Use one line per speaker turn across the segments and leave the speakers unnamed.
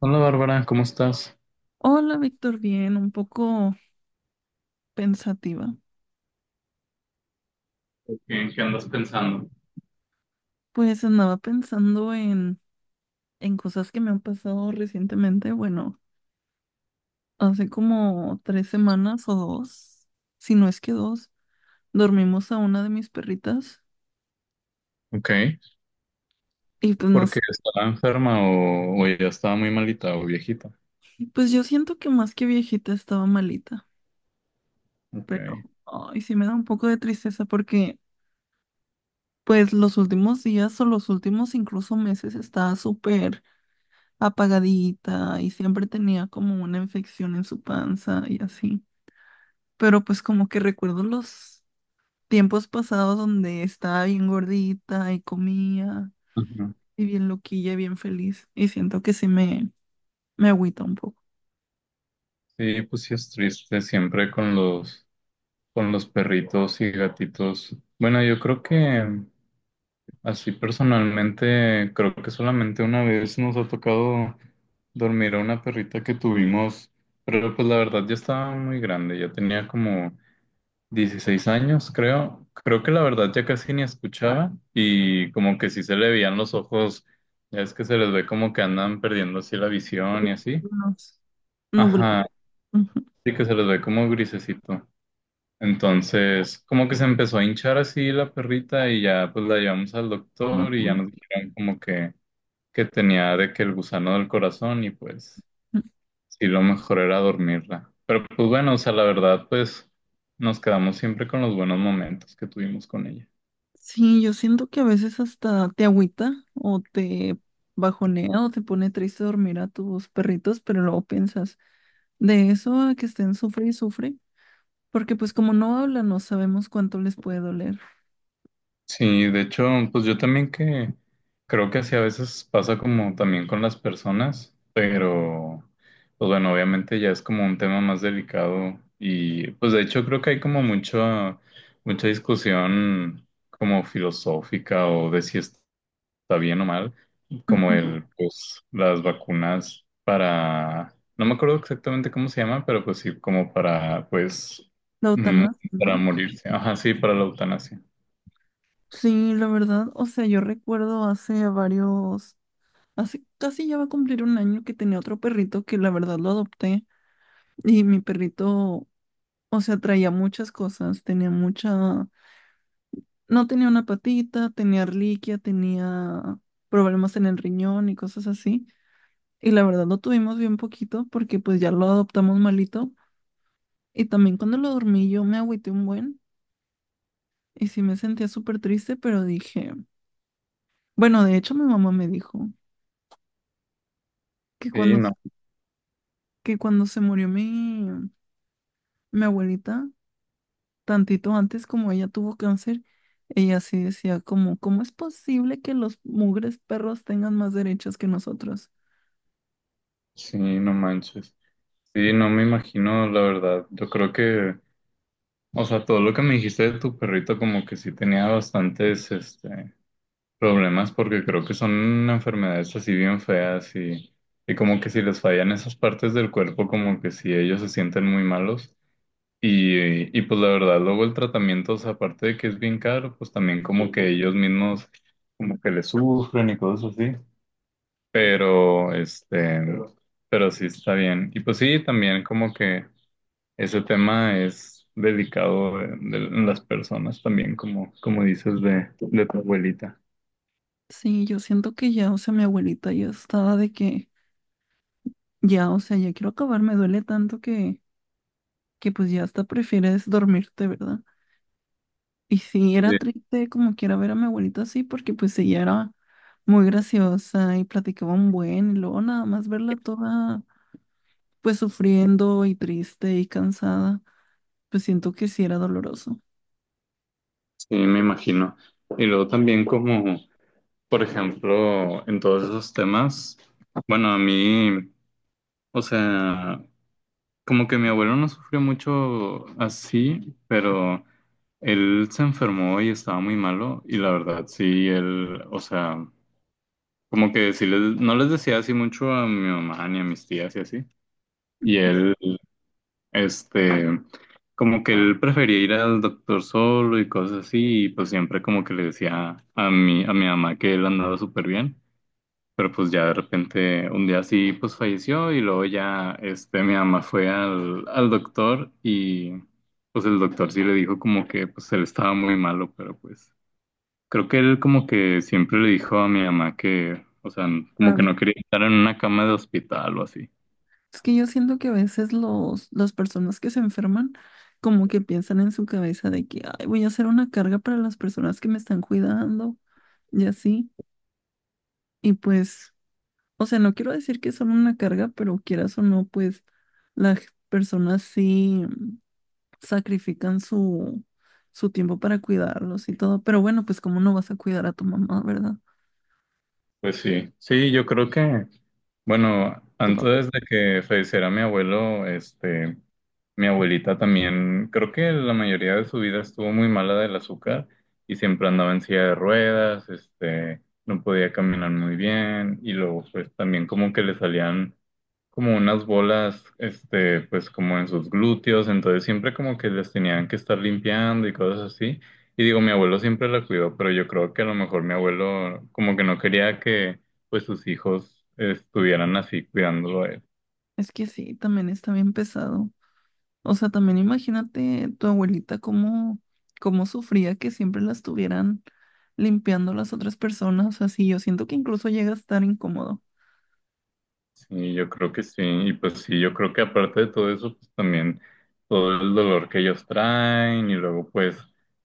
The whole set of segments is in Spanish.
Hola Bárbara, ¿cómo estás?
Hola, Víctor, bien, un poco pensativa.
¿En qué andas pensando?
Pues andaba pensando en cosas que me han pasado recientemente. Bueno, hace como 3 semanas o 2, si no es que 2, dormimos a una de mis perritas
Ok,
y pues no sé,
porque estaba enferma o ya estaba muy malita o viejita.
pues yo siento que más que viejita estaba malita,
Ok.
pero ay, sí me da un poco de tristeza porque pues los últimos días o los últimos incluso meses estaba súper apagadita y siempre tenía como una infección en su panza y así. Pero pues como que recuerdo los tiempos pasados donde estaba bien gordita y comía
Ujú.
y bien loquilla y bien feliz y siento que sí me agüita un poco.
Sí, pues sí es triste siempre con los perritos y gatitos. Bueno, yo creo que así personalmente, creo que solamente una vez nos ha tocado dormir a una perrita que tuvimos, pero pues la verdad ya estaba muy grande, ya tenía como 16 años, creo. Creo que la verdad ya casi ni escuchaba y como que sí se le veían los ojos, ya es que se les ve como que andan perdiendo así la visión y así.
Recuerdos nublados.
Ajá,
Ujú.
sí que se les ve como grisecito. Entonces, como que se empezó a hinchar así la perrita y ya pues la llevamos al
Ah,
doctor y ya
pues.
nos dijeron como que tenía de que el gusano del corazón y pues sí lo mejor era dormirla. Pero pues bueno, o sea, la verdad pues nos quedamos siempre con los buenos momentos que tuvimos con ella.
Sí, yo siento que a veces hasta te agüita o te bajonea o te pone triste dormir a tus perritos, pero luego piensas, de eso a que estén sufre y sufre. Porque pues como no hablan, no sabemos cuánto les puede doler.
Sí, de hecho, pues yo también que creo que así a veces pasa como también con las personas, pero pues bueno, obviamente ya es como un tema más delicado y pues de hecho creo que hay como mucha, mucha discusión como filosófica o de si está bien o mal, como
Ujú.
el, pues las vacunas para, no me acuerdo exactamente cómo se llama, pero pues sí, como para, pues,
La
mm,
eutanasia,
para
¿no?
morirse, ajá, sí, para la eutanasia.
Sí, la verdad, o sea, yo recuerdo hace casi ya va a cumplir un año que tenía otro perrito que la verdad lo adopté y mi perrito, o sea, traía muchas cosas, no tenía una patita, tenía reliquia, tenía problemas en el riñón y cosas así. Y la verdad lo tuvimos bien poquito porque pues ya lo adoptamos malito. Y también cuando lo dormí yo me agüité un buen. Y sí me sentía súper triste, pero dije, bueno, de hecho mi mamá me dijo que
Sí,
cuando,
no.
que cuando se murió mi abuelita, tantito antes como ella tuvo cáncer, ella sí decía como, ¿cómo es posible que los mugres perros tengan más derechos que nosotros?
Sí, no manches. Sí, no me imagino, la verdad. Yo creo que, o sea, todo lo que me dijiste de tu perrito, como que sí tenía bastantes, este, problemas, porque creo que son enfermedades así bien feas y como que si les fallan esas partes del cuerpo, como que sí ellos se sienten muy malos. Y pues la verdad, luego el tratamiento, o sea, aparte de que es bien caro, pues también como que ellos mismos, como que le sufren y cosas así. Pero, este, pero sí está bien. Y pues sí, también como que ese tema es delicado de, las personas también, como dices de tu abuelita.
Sí, yo siento que ya, o sea, mi abuelita ya estaba de que, ya, o sea, ya quiero acabar, me duele tanto que pues ya hasta prefieres dormirte, ¿verdad? Y sí, era
Sí,
triste como quiera ver a mi abuelita así, porque pues ella era muy graciosa y platicaba un buen, y luego nada más verla toda pues sufriendo y triste y cansada, pues siento que sí era doloroso.
sí, me imagino. Y luego también como, por ejemplo, en todos esos temas, bueno, a mí, o sea, como que mi abuelo no sufrió mucho así, pero él se enfermó y estaba muy malo y la verdad, sí, él, o sea... Como que sí les, no les decía así mucho a mi mamá ni a mis tías y así. Y él, este, como que él prefería ir al doctor solo y cosas así. Y pues siempre como que le decía a mi, mamá que él andaba súper bien. Pero pues ya de repente un día así pues falleció y luego ya, este, mi mamá fue al doctor y pues el doctor sí le dijo como que pues él estaba muy malo, pero pues... Creo que él como que siempre le dijo a mi mamá que, o sea, como que
Había.
no quería estar en una cama de hospital o así.
Es que yo siento que a veces los, las personas que se enferman como que piensan en su cabeza de que, ay, voy a hacer una carga para las personas que me están cuidando y así. Y pues, o sea, no quiero decir que son una carga, pero quieras o no, pues las personas sí sacrifican su tiempo para cuidarlos y todo. Pero bueno, pues cómo no vas a cuidar a tu mamá, ¿verdad?
Pues sí, sí, yo creo que, bueno,
Tu papá.
antes de que falleciera mi abuelo, este, mi abuelita también, creo que la mayoría de su vida estuvo muy mala del azúcar y siempre andaba en silla de ruedas, este, no podía caminar muy bien y luego pues también como que le salían como unas bolas, este, pues como en sus glúteos, entonces siempre como que les tenían que estar limpiando y cosas así. Y digo, mi abuelo siempre la cuidó, pero yo creo que a lo mejor mi abuelo como que no quería que pues sus hijos estuvieran así cuidándolo a él.
Es que sí, también está bien pesado. O sea, también imagínate tu abuelita cómo sufría que siempre la estuvieran limpiando las otras personas. O sea, sí, yo siento que incluso llega a estar incómodo.
Sí, yo creo que sí. Y pues sí, yo creo que aparte de todo eso, pues también todo el dolor que ellos traen y luego pues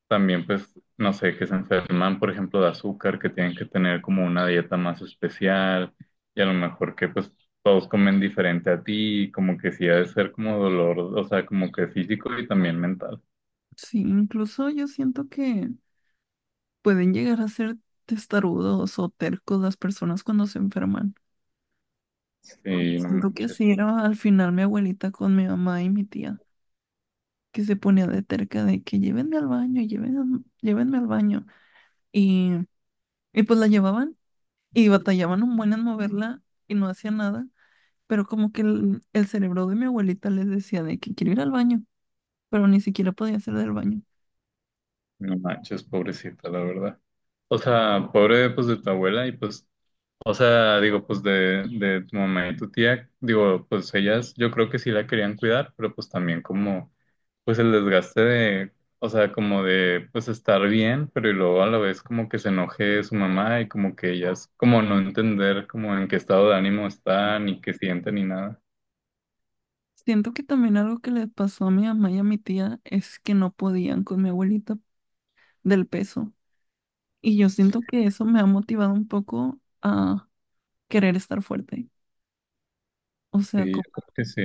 también pues, no sé, que se enferman, por ejemplo, de azúcar, que tienen que tener como una dieta más especial y a lo mejor que pues todos comen diferente a ti, y como que sí ha de ser como dolor, o sea, como que físico y también mental.
Sí, incluso yo siento que pueden llegar a ser testarudos o tercos las personas cuando se enferman. Porque
Sí, no
siento que
manches,
así era al final mi abuelita con mi mamá y mi tía, que se ponía de terca de que llévenme al baño, llévenme, llévenme al baño. Y, y pues la llevaban y batallaban un buen en moverla y no hacía nada. Pero como que el cerebro de mi abuelita les decía de que quiero ir al baño, pero ni siquiera podía hacer del baño.
no manches, pobrecita, la verdad. O sea, pobre pues de tu abuela y pues o sea, digo, pues de tu mamá y tu tía, digo, pues ellas yo creo que sí la querían cuidar, pero pues también como, pues el desgaste de, o sea, como de, pues estar bien, pero y luego a la vez como que se enoje su mamá y como que ellas, como no entender como en qué estado de ánimo están y qué sienten y nada.
Siento que también algo que le pasó a mi mamá y a mi tía es que no podían con mi abuelita del peso. Y yo siento que eso me ha motivado un poco a querer estar fuerte. O sea,
Sí, yo creo que sí.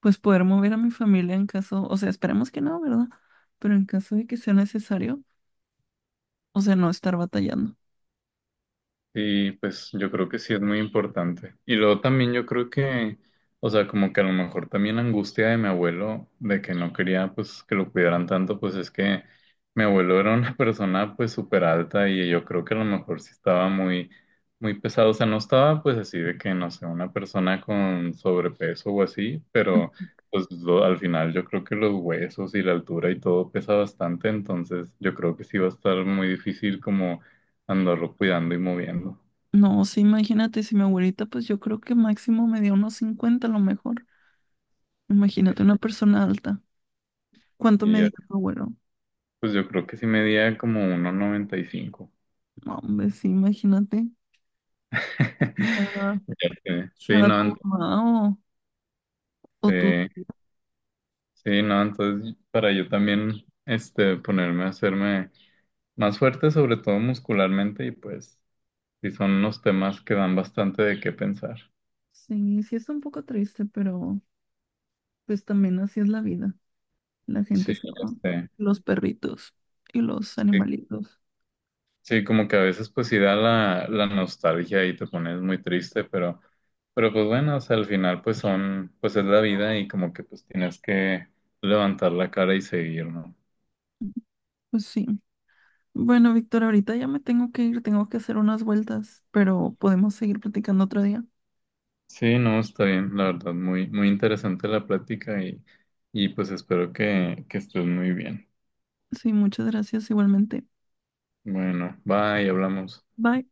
pues poder mover a mi familia en caso, o sea, esperemos que no, ¿verdad? Pero en caso de que sea necesario, o sea, no estar batallando.
Sí, pues yo creo que sí es muy importante. Y luego también yo creo que, o sea, como que a lo mejor también la angustia de mi abuelo de que no quería pues que lo cuidaran tanto, pues es que mi abuelo era una persona pues súper alta y yo creo que a lo mejor sí estaba muy, muy pesado. O sea, no estaba pues así de que, no sé, una persona con sobrepeso o así, pero pues al final yo creo que los huesos y la altura y todo pesa bastante, entonces yo creo que sí va a estar muy difícil como andarlo cuidando y moviendo.
No, sí, imagínate, si mi abuelita, pues yo creo que máximo me dio unos 50 a lo mejor.
Sí,
Imagínate una persona alta. ¿Cuánto
y ya,
medía tu abuelo?
pues yo creo que sí medía como 1.95.
No, hombre, sí, imagínate. Para,
Ya sé.
para tu mamá o tú.
Eh, sí, no, entonces para yo también este, ponerme a hacerme más fuerte, sobre todo muscularmente, y pues sí son unos temas que dan bastante de qué pensar.
Sí, sí es un poco triste, pero pues también así es la vida. La
Sí,
gente se
ya
va.
sé.
Los perritos y los animalitos.
Sí, como que a veces pues sí da la nostalgia y te pones muy triste, pero, pues bueno, o sea, al final pues son, pues es la vida y como que pues tienes que levantar la cara y seguir, ¿no?
Pues sí. Bueno, Víctor, ahorita ya me tengo que ir, tengo que hacer unas vueltas, pero podemos seguir platicando otro día.
Sí, no, está bien, la verdad, muy, muy interesante la plática y pues espero que, estés muy bien.
Sí, muchas gracias igualmente.
Bueno, bye, hablamos.
Bye.